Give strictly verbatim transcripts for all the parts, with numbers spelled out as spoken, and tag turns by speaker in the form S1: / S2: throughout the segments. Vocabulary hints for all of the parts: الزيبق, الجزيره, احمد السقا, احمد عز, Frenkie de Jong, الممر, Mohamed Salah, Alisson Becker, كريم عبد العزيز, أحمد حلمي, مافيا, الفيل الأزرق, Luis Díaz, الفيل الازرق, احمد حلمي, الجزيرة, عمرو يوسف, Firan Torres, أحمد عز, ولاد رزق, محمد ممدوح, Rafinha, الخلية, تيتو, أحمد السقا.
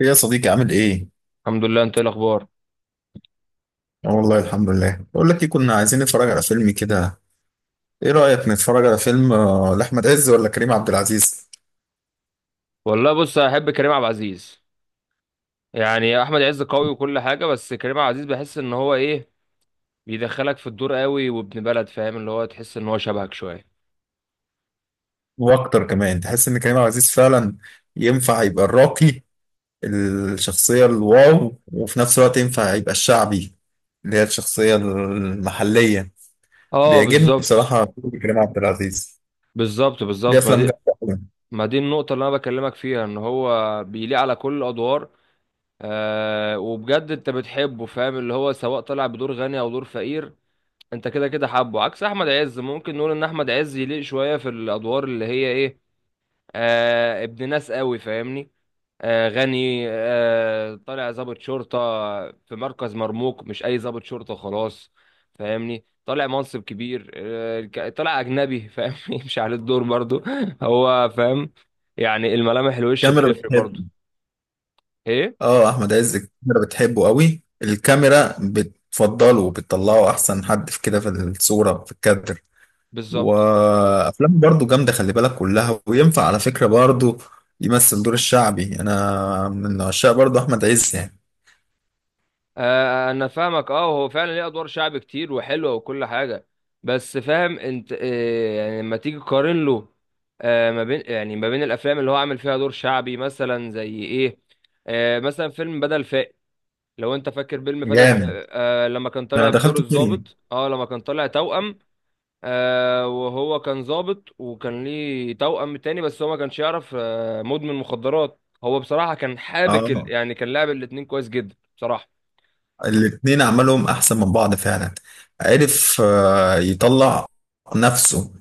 S1: ايه يا صديقي عامل ايه؟
S2: الحمد لله، انت ايه الاخبار؟
S1: آه والله، الحمد لله. بقول لك ايه، كنا عايزين نتفرج على فيلم كده. ايه رأيك نتفرج على فيلم آه، لأحمد عز ولا كريم عبد العزيز؟
S2: والله، بص، احب كريم عبد العزيز. يعني احمد عز قوي وكل حاجه، بس كريم عبد العزيز بحس ان هو ايه، بيدخلك في الدور قوي، وابن بلد فاهم اللي هو تحس ان هو شبهك شويه.
S1: واكتر كمان تحس ان كريم عبد العزيز فعلا ينفع يبقى الراقي. الشخصية الواو، وفي نفس الوقت ينفع يبقى الشعبي، اللي هي الشخصية المحلية.
S2: اه،
S1: بيعجبني
S2: بالظبط
S1: بصراحة كريم عبد العزيز.
S2: بالظبط
S1: ليه
S2: بالظبط. ما
S1: افلام
S2: دي
S1: جامدة أوي.
S2: ما دي النقطه اللي انا بكلمك فيها ان هو بيليق على كل الادوار. آه وبجد انت بتحبه، فاهم اللي هو سواء طلع بدور غني او دور فقير انت كده كده حابه. عكس احمد عز، ممكن نقول ان احمد عز يليق شويه في الادوار اللي هي ايه، آه ابن ناس قوي، فاهمني. آه، غني، آه، طالع ضابط شرطة في مركز مرموق، مش أي ضابط شرطة خلاص. فاهمني، طالع منصب كبير، آه، ك- طالع أجنبي. فاهمني مش على الدور برضو هو فاهم. يعني الملامح، الوش
S1: كاميرا.
S2: بتفرق برضو. إيه
S1: اه، احمد عز الكاميرا بتحبه قوي، الكاميرا بتفضله وبتطلعه احسن حد في كده، في الصورة في الكادر.
S2: بالظبط.
S1: وافلامه برضو جامدة، خلي بالك كلها. وينفع على فكرة برضو يمثل دور الشعبي. انا من عشاق برضو احمد عز يعني.
S2: آه، انا فاهمك. اه، هو فعلا ليه ادوار شعب كتير وحلوه وكل حاجه، بس فاهم انت، آه، يعني لما تيجي تقارن له، آه، ما بين يعني ما بين الافلام اللي هو عامل فيها دور شعبي مثلا زي ايه. آه، مثلا فيلم بدل فاقد، لو انت فاكر فيلم بدل.
S1: جامد.
S2: آه، آه، لما كان
S1: ده
S2: طالع
S1: انا
S2: بدور
S1: دخلت الدنيا.
S2: الضابط، اه لما كان طالع توأم. آه، وهو كان ضابط وكان ليه توأم تاني، بس هو ما كانش يعرف. آه، مدمن مخدرات، هو بصراحه كان حابك ال-
S1: اه،
S2: يعني كان لعب الاتنين كويس جدا بصراحه.
S1: الاتنين عملهم احسن من بعض فعلا. عرف آه، يطلع نفسه.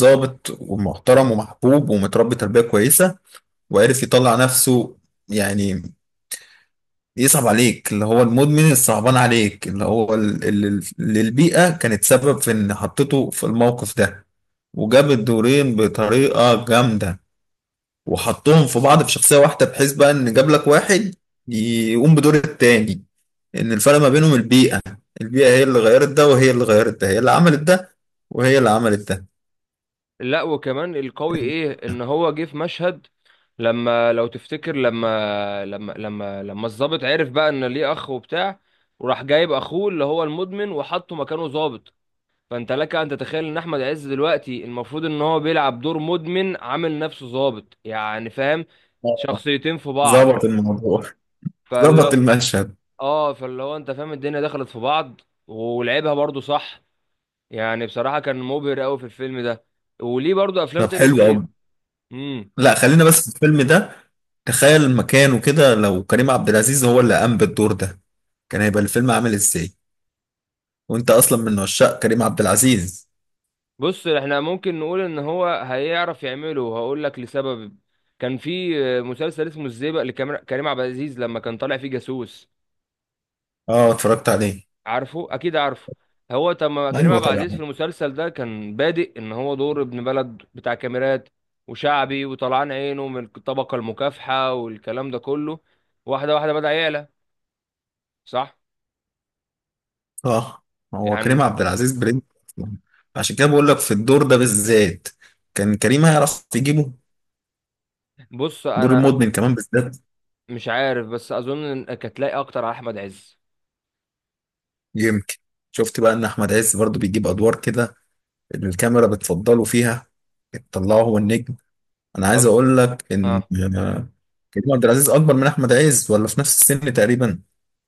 S1: ظابط ومحترم ومحبوب ومتربي تربية كويسة. وعرف يطلع نفسه يعني يصعب عليك اللي هو المدمن، الصعبان عليك اللي هو ال- اللي اللي البيئة كانت سبب في ان حطيته في الموقف ده. وجاب الدورين بطريقة جامدة، وحطهم في بعض في شخصية واحدة، بحيث بقى ان جاب لك واحد يقوم بدور التاني، ان الفرق ما بينهم البيئة. البيئة هي اللي غيرت ده، وهي اللي غيرت ده، هي اللي عملت ده، وهي اللي عملت ده.
S2: لا، وكمان القوي ايه ان هو جه في مشهد. لما، لو تفتكر، لما لما لما لما الضابط عرف بقى ان ليه اخ وبتاع، وراح جايب اخوه اللي هو المدمن وحطه مكانه ضابط. فانت لك ان تتخيل ان احمد عز دلوقتي المفروض ان هو بيلعب دور مدمن عامل نفسه ضابط، يعني فاهم،
S1: آه.
S2: شخصيتين في بعض.
S1: ظبط الموضوع، ظبط
S2: فاللي
S1: المشهد.
S2: اه فاللي هو انت فاهم الدنيا دخلت في بعض، ولعبها برضو صح. يعني بصراحة كان مبهر قوي في الفيلم ده، وليه برضو افلام
S1: طب،
S2: تانية
S1: حلو
S2: كتير.
S1: قوي.
S2: امم
S1: لا، خلينا بس في الفيلم ده. تخيل مكانه كده، لو كريم عبد العزيز هو اللي قام بالدور ده، كان هيبقى الفيلم عامل ازاي؟ وانت اصلا من عشاق كريم عبد العزيز.
S2: بص، احنا ممكن نقول ان هو هيعرف يعمله. هقول لك لسبب، كان في مسلسل اسمه الزيبق لكريم كريم عبد العزيز، لما كان طالع فيه جاسوس.
S1: اه، اتفرجت عليه.
S2: عارفه، اكيد عارفه. هو تم كريم
S1: ايوه،
S2: عبد العزيز في
S1: طبعا.
S2: المسلسل ده كان بادئ ان هو دور ابن بلد بتاع كاميرات وشعبي، وطلعان عينه من الطبقة المكافحة والكلام ده كله. واحدة واحدة بدأ يعلى، صح.
S1: اه، هو كريم
S2: يعني
S1: عبد العزيز برنس أصلاً. عشان كده بقول لك في الدور ده بالذات كان كريم هيعرف يجيبه.
S2: بص
S1: دور
S2: انا
S1: المدمن كمان بالذات.
S2: مش عارف، بس اظن انك هتلاقي اكتر على احمد عز.
S1: يمكن. شفت بقى ان احمد عز برضو بيجيب ادوار كده، اللي الكاميرا بتفضله فيها، تطلعه هو النجم. انا عايز
S2: طب،
S1: اقول لك ان
S2: اه،
S1: كريم عبد العزيز اكبر من احمد عز ولا في نفس السن تقريبا؟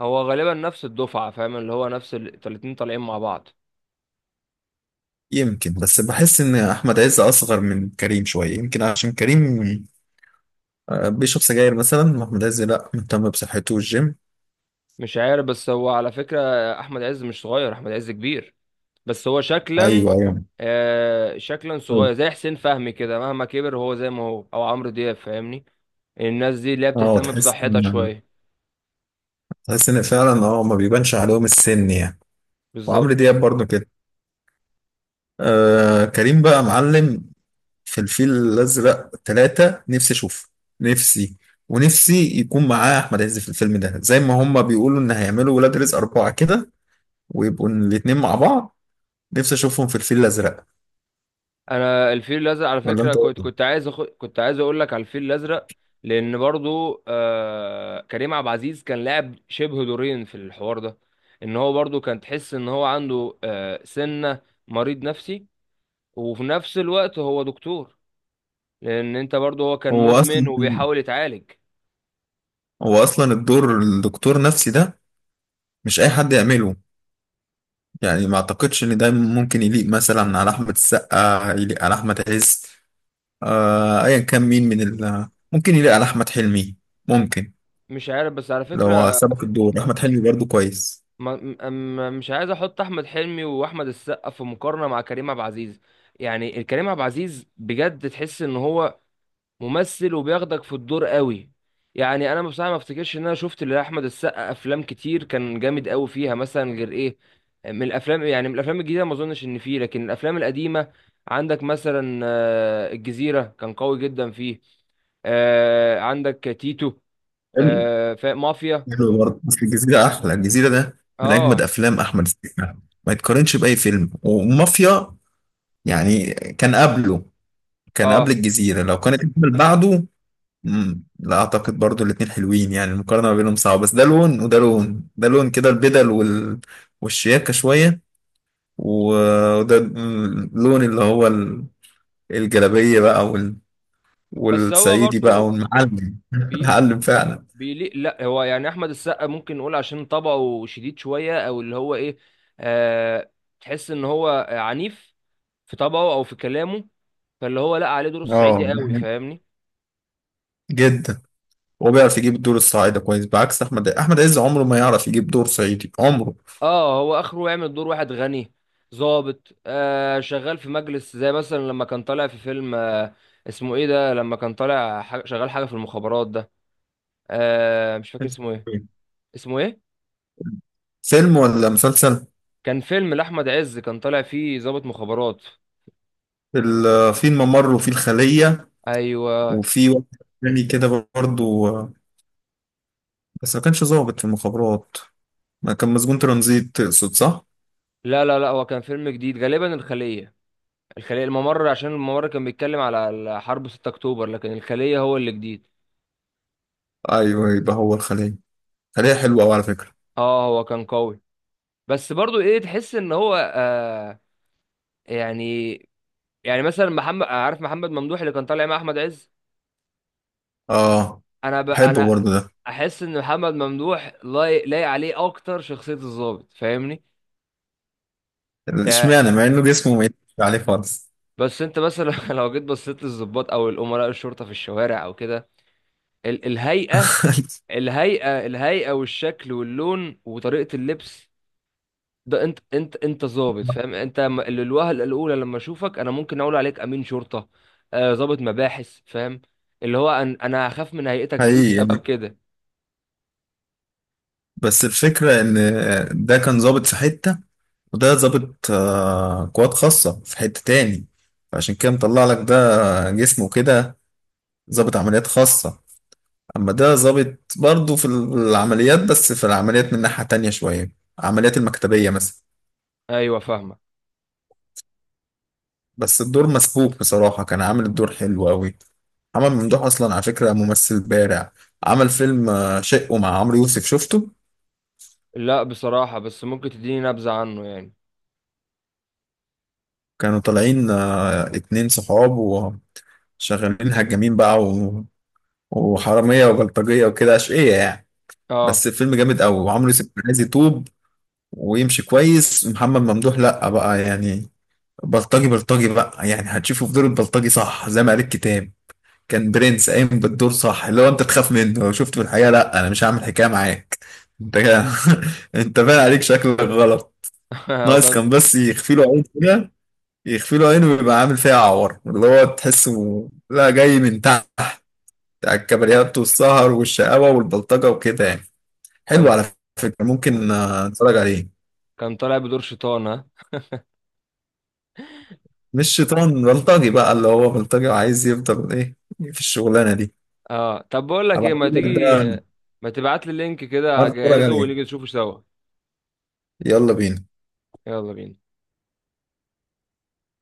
S2: هو غالبا نفس الدفعة، فاهم اللي هو نفس ال- الاتنين طالعين مع بعض.
S1: يمكن، بس بحس ان احمد عز اصغر من كريم شويه، يمكن عشان كريم آه، بيشرب سجاير مثلا، واحمد عز لا، مهتم بصحته والجيم.
S2: مش عارف، بس هو على فكرة أحمد عز مش صغير، أحمد عز كبير، بس هو شكلا.
S1: ايوه، ايوه.
S2: آه، شكلا
S1: أيوة.
S2: صغير، زي حسين فهمي كده مهما كبر هو زي ما هو، أو عمرو دياب، فاهمني. الناس دي اللي هي
S1: اه،
S2: بتهتم
S1: تحس
S2: بصحتها
S1: ان
S2: شوية.
S1: تحس ان فعلا اه ما بيبانش عليهم السن يعني. وعمرو
S2: بالظبط.
S1: دياب برضه كده. آه، كريم بقى معلم في الفيل الأزرق ثلاثة، نفسي أشوفه. نفسي. ونفسي يكون معاه أحمد عز في الفيلم ده، زي ما هما بيقولوا إن هيعملوا ولاد رزق أربعة كده. ويبقوا الاتنين مع بعض. نفسي أشوفهم في الفيل الأزرق.
S2: انا الفيل الازرق على
S1: ولا
S2: فكره،
S1: أنت إيه
S2: كنت كنت
S1: رأيك؟
S2: عايز أخ... كنت عايز اقول لك على الفيل الازرق. لان برضو آه... كريم عبد العزيز كان لاعب شبه دورين في الحوار ده، ان هو برضو كان تحس ان هو عنده آه... سنه، مريض نفسي، وفي نفس الوقت هو دكتور. لان انت برضو، هو كان
S1: هو
S2: مدمن
S1: أصلا.
S2: وبيحاول يتعالج.
S1: هو أصلا الدور الدكتور نفسي ده مش أي حد يعمله. يعني ما أعتقدش إن ده ممكن يليق مثلا على أحمد السقا، يليق على أحمد عز. آه، أيا كان مين من ال ممكن يليق على أحمد حلمي. ممكن.
S2: مش عارف، بس على
S1: لو
S2: فكره،
S1: سبق الدور أحمد حلمي برضه كويس.
S2: ما... م... م- مش عايز احط احمد حلمي واحمد السقا في مقارنه مع كريم عبد العزيز. يعني كريم عبد العزيز بجد تحس ان هو ممثل وبياخدك في الدور قوي. يعني انا بصراحه ما افتكرش ان انا شفت لاحمد السقا افلام كتير كان جامد قوي فيها مثلا، غير ايه من الافلام. يعني من الافلام الجديده ما اظنش ان فيه، لكن الافلام القديمه عندك مثلا آه، الجزيره، كان قوي جدا فيه. آه، عندك تيتو.
S1: حلو.
S2: آه، فا- مافيا.
S1: حلو برضه، بس الجزيرة أحلى. الجزيرة ده من أجمد
S2: اه
S1: أفلام أحمد السقا. ما يتقارنش بأي فيلم. ومافيا يعني كان قبله، كان قبل
S2: اه،
S1: الجزيرة، لو كانت الفيلم بعده. مم. لا أعتقد برضه. الاتنين حلوين يعني، المقارنة ما بينهم صعبة، بس ده لون وده لون، ده لون كده، البدل وال والشياكة شوية. و- وده اللون اللي هو ال- الجلابية بقى وال
S2: بس هو
S1: والصعيدي بقى
S2: برضو
S1: والمعلم المعلم فعلا.
S2: بيليق. لا، هو يعني احمد السقا ممكن نقول عشان طبعه شديد شويه، او اللي هو ايه، آه تحس ان هو عنيف في طبعه او في كلامه. فاللي هو لا عليه دور
S1: اه.
S2: الصعيدي قوي، فاهمني.
S1: جدا. هو بيعرف يجيب الدور الصعيدي كويس، بعكس احمد احمد عز عمره ما يعرف يجيب دور صعيدي عمره.
S2: اه، هو اخره يعمل دور واحد غني، ظابط آه شغال في مجلس، زي مثلا لما كان طالع في فيلم آه اسمه ايه ده. لما كان طالع حاجة شغال حاجه في المخابرات ده، آه مش فاكر اسمه ايه، اسمه ايه.
S1: فيلم ولا مسلسل؟
S2: كان فيلم لاحمد عز كان طالع فيه ظابط مخابرات.
S1: ال- في الممر وفي الخلية.
S2: ايوه.
S1: وفي واحد تاني كده برضو. بس ما كانش ظابط في المخابرات. ما كان مسجون ترانزيت تقصد، صح؟
S2: لا لا لا، هو كان فيلم جديد غالبا، الخلية. الخلية، الممر عشان الممر كان بيتكلم على حرب ستة اكتوبر، لكن الخلية هو اللي جديد.
S1: أيوه، يبقى هو الخلية. خلية حلوة أوي على فكرة.
S2: اه، هو كان قوي، بس برضو ايه تحس ان هو آه يعني، يعني مثلا محمد عارف، محمد ممدوح اللي كان طالع مع احمد عز.
S1: آه.
S2: انا ب...
S1: بحبه
S2: انا
S1: برضو ده.
S2: احس ان محمد ممدوح لايق، لايق عليه اكتر شخصية الضابط، فاهمني يعني.
S1: اشمعنى مع إنه جسمه ما يتفقش عليه خالص؟
S2: بس انت مثلا لو جيت بصيت للضباط او الامراء الشرطة في الشوارع او كده، ال... الهيئة، الهيئة الهيئة والشكل واللون وطريقة اللبس. ده انت انت انت ظابط. فاهم انت، م- ال- الوهلة الأولى لما اشوفك انا ممكن اقول عليك امين شرطة، آه، ظابط مباحث. فاهم اللي هو أن انا هخاف من هيئتك دي
S1: حقيقي
S2: بسبب
S1: يعني،
S2: كده.
S1: بس الفكرة إن ده كان ظابط في حتة، وده ظابط آه، قوات خاصة في حتة تاني، فعشان كده مطلع لك ده جسمه كده ظابط عمليات خاصة. أما ده ظابط برضه في العمليات، بس في العمليات من ناحية تانية شوية. العمليات المكتبية مثلا.
S2: ايوه فاهمة.
S1: بس الدور مسبوك بصراحة، كان عامل الدور حلو أوي. محمد ممدوح أصلا على فكرة ممثل بارع. عمل فيلم آه، شقه مع عمرو يوسف، شفته؟
S2: لا بصراحة، بس ممكن تديني نبذة عنه يعني.
S1: كانوا طالعين آه، اتنين صحاب وشغالين. هجامين بقى و- وحرامية وبلطجية وكده أشقية يعني.
S2: اه
S1: بس الفيلم جامد قوي، وعمرو يوسف عايز يتوب. ويمشي كويس، محمد ممدوح لا بقى يعني. بلطجي بلطجي بقى، يعني هتشوفه في دور البلطجي صح، زي ما قال الكتاب. كان برنس قايم بالدور صح، اللي هو انت تخاف منه لو شفته في الحقيقه، لا انا مش هعمل حكايه معاك. انت كده. انت باين عليك شكلك غلط.
S2: هو
S1: ناقص
S2: كان،
S1: كان بس يخفي له عين كده. يخفي له عين ويبقى عامل فيها عور، اللي هو تحسه لا، جاي من تحت. على الكباريات والسهر والشقاوه والبلطجه وكده يعني. حلو
S2: كان
S1: على فكرة، ممكن آه، نتفرج عليه.
S2: كان طالع بدور شيطان، ها.
S1: مش شيطان، بلطجي بقى، اللي هو بلطجي وعايز يفضل ايه في الشغلانة دي.
S2: اه، طب بقول لك ايه، ما
S1: هبعتهولك
S2: تيجي
S1: ده.
S2: ما تبعت لي اللينك
S1: آه،
S2: كده
S1: نتفرج
S2: اجهزه
S1: عليه.
S2: ونيجي نشوفه سوا.
S1: يلا بينا.
S2: يلا بينا.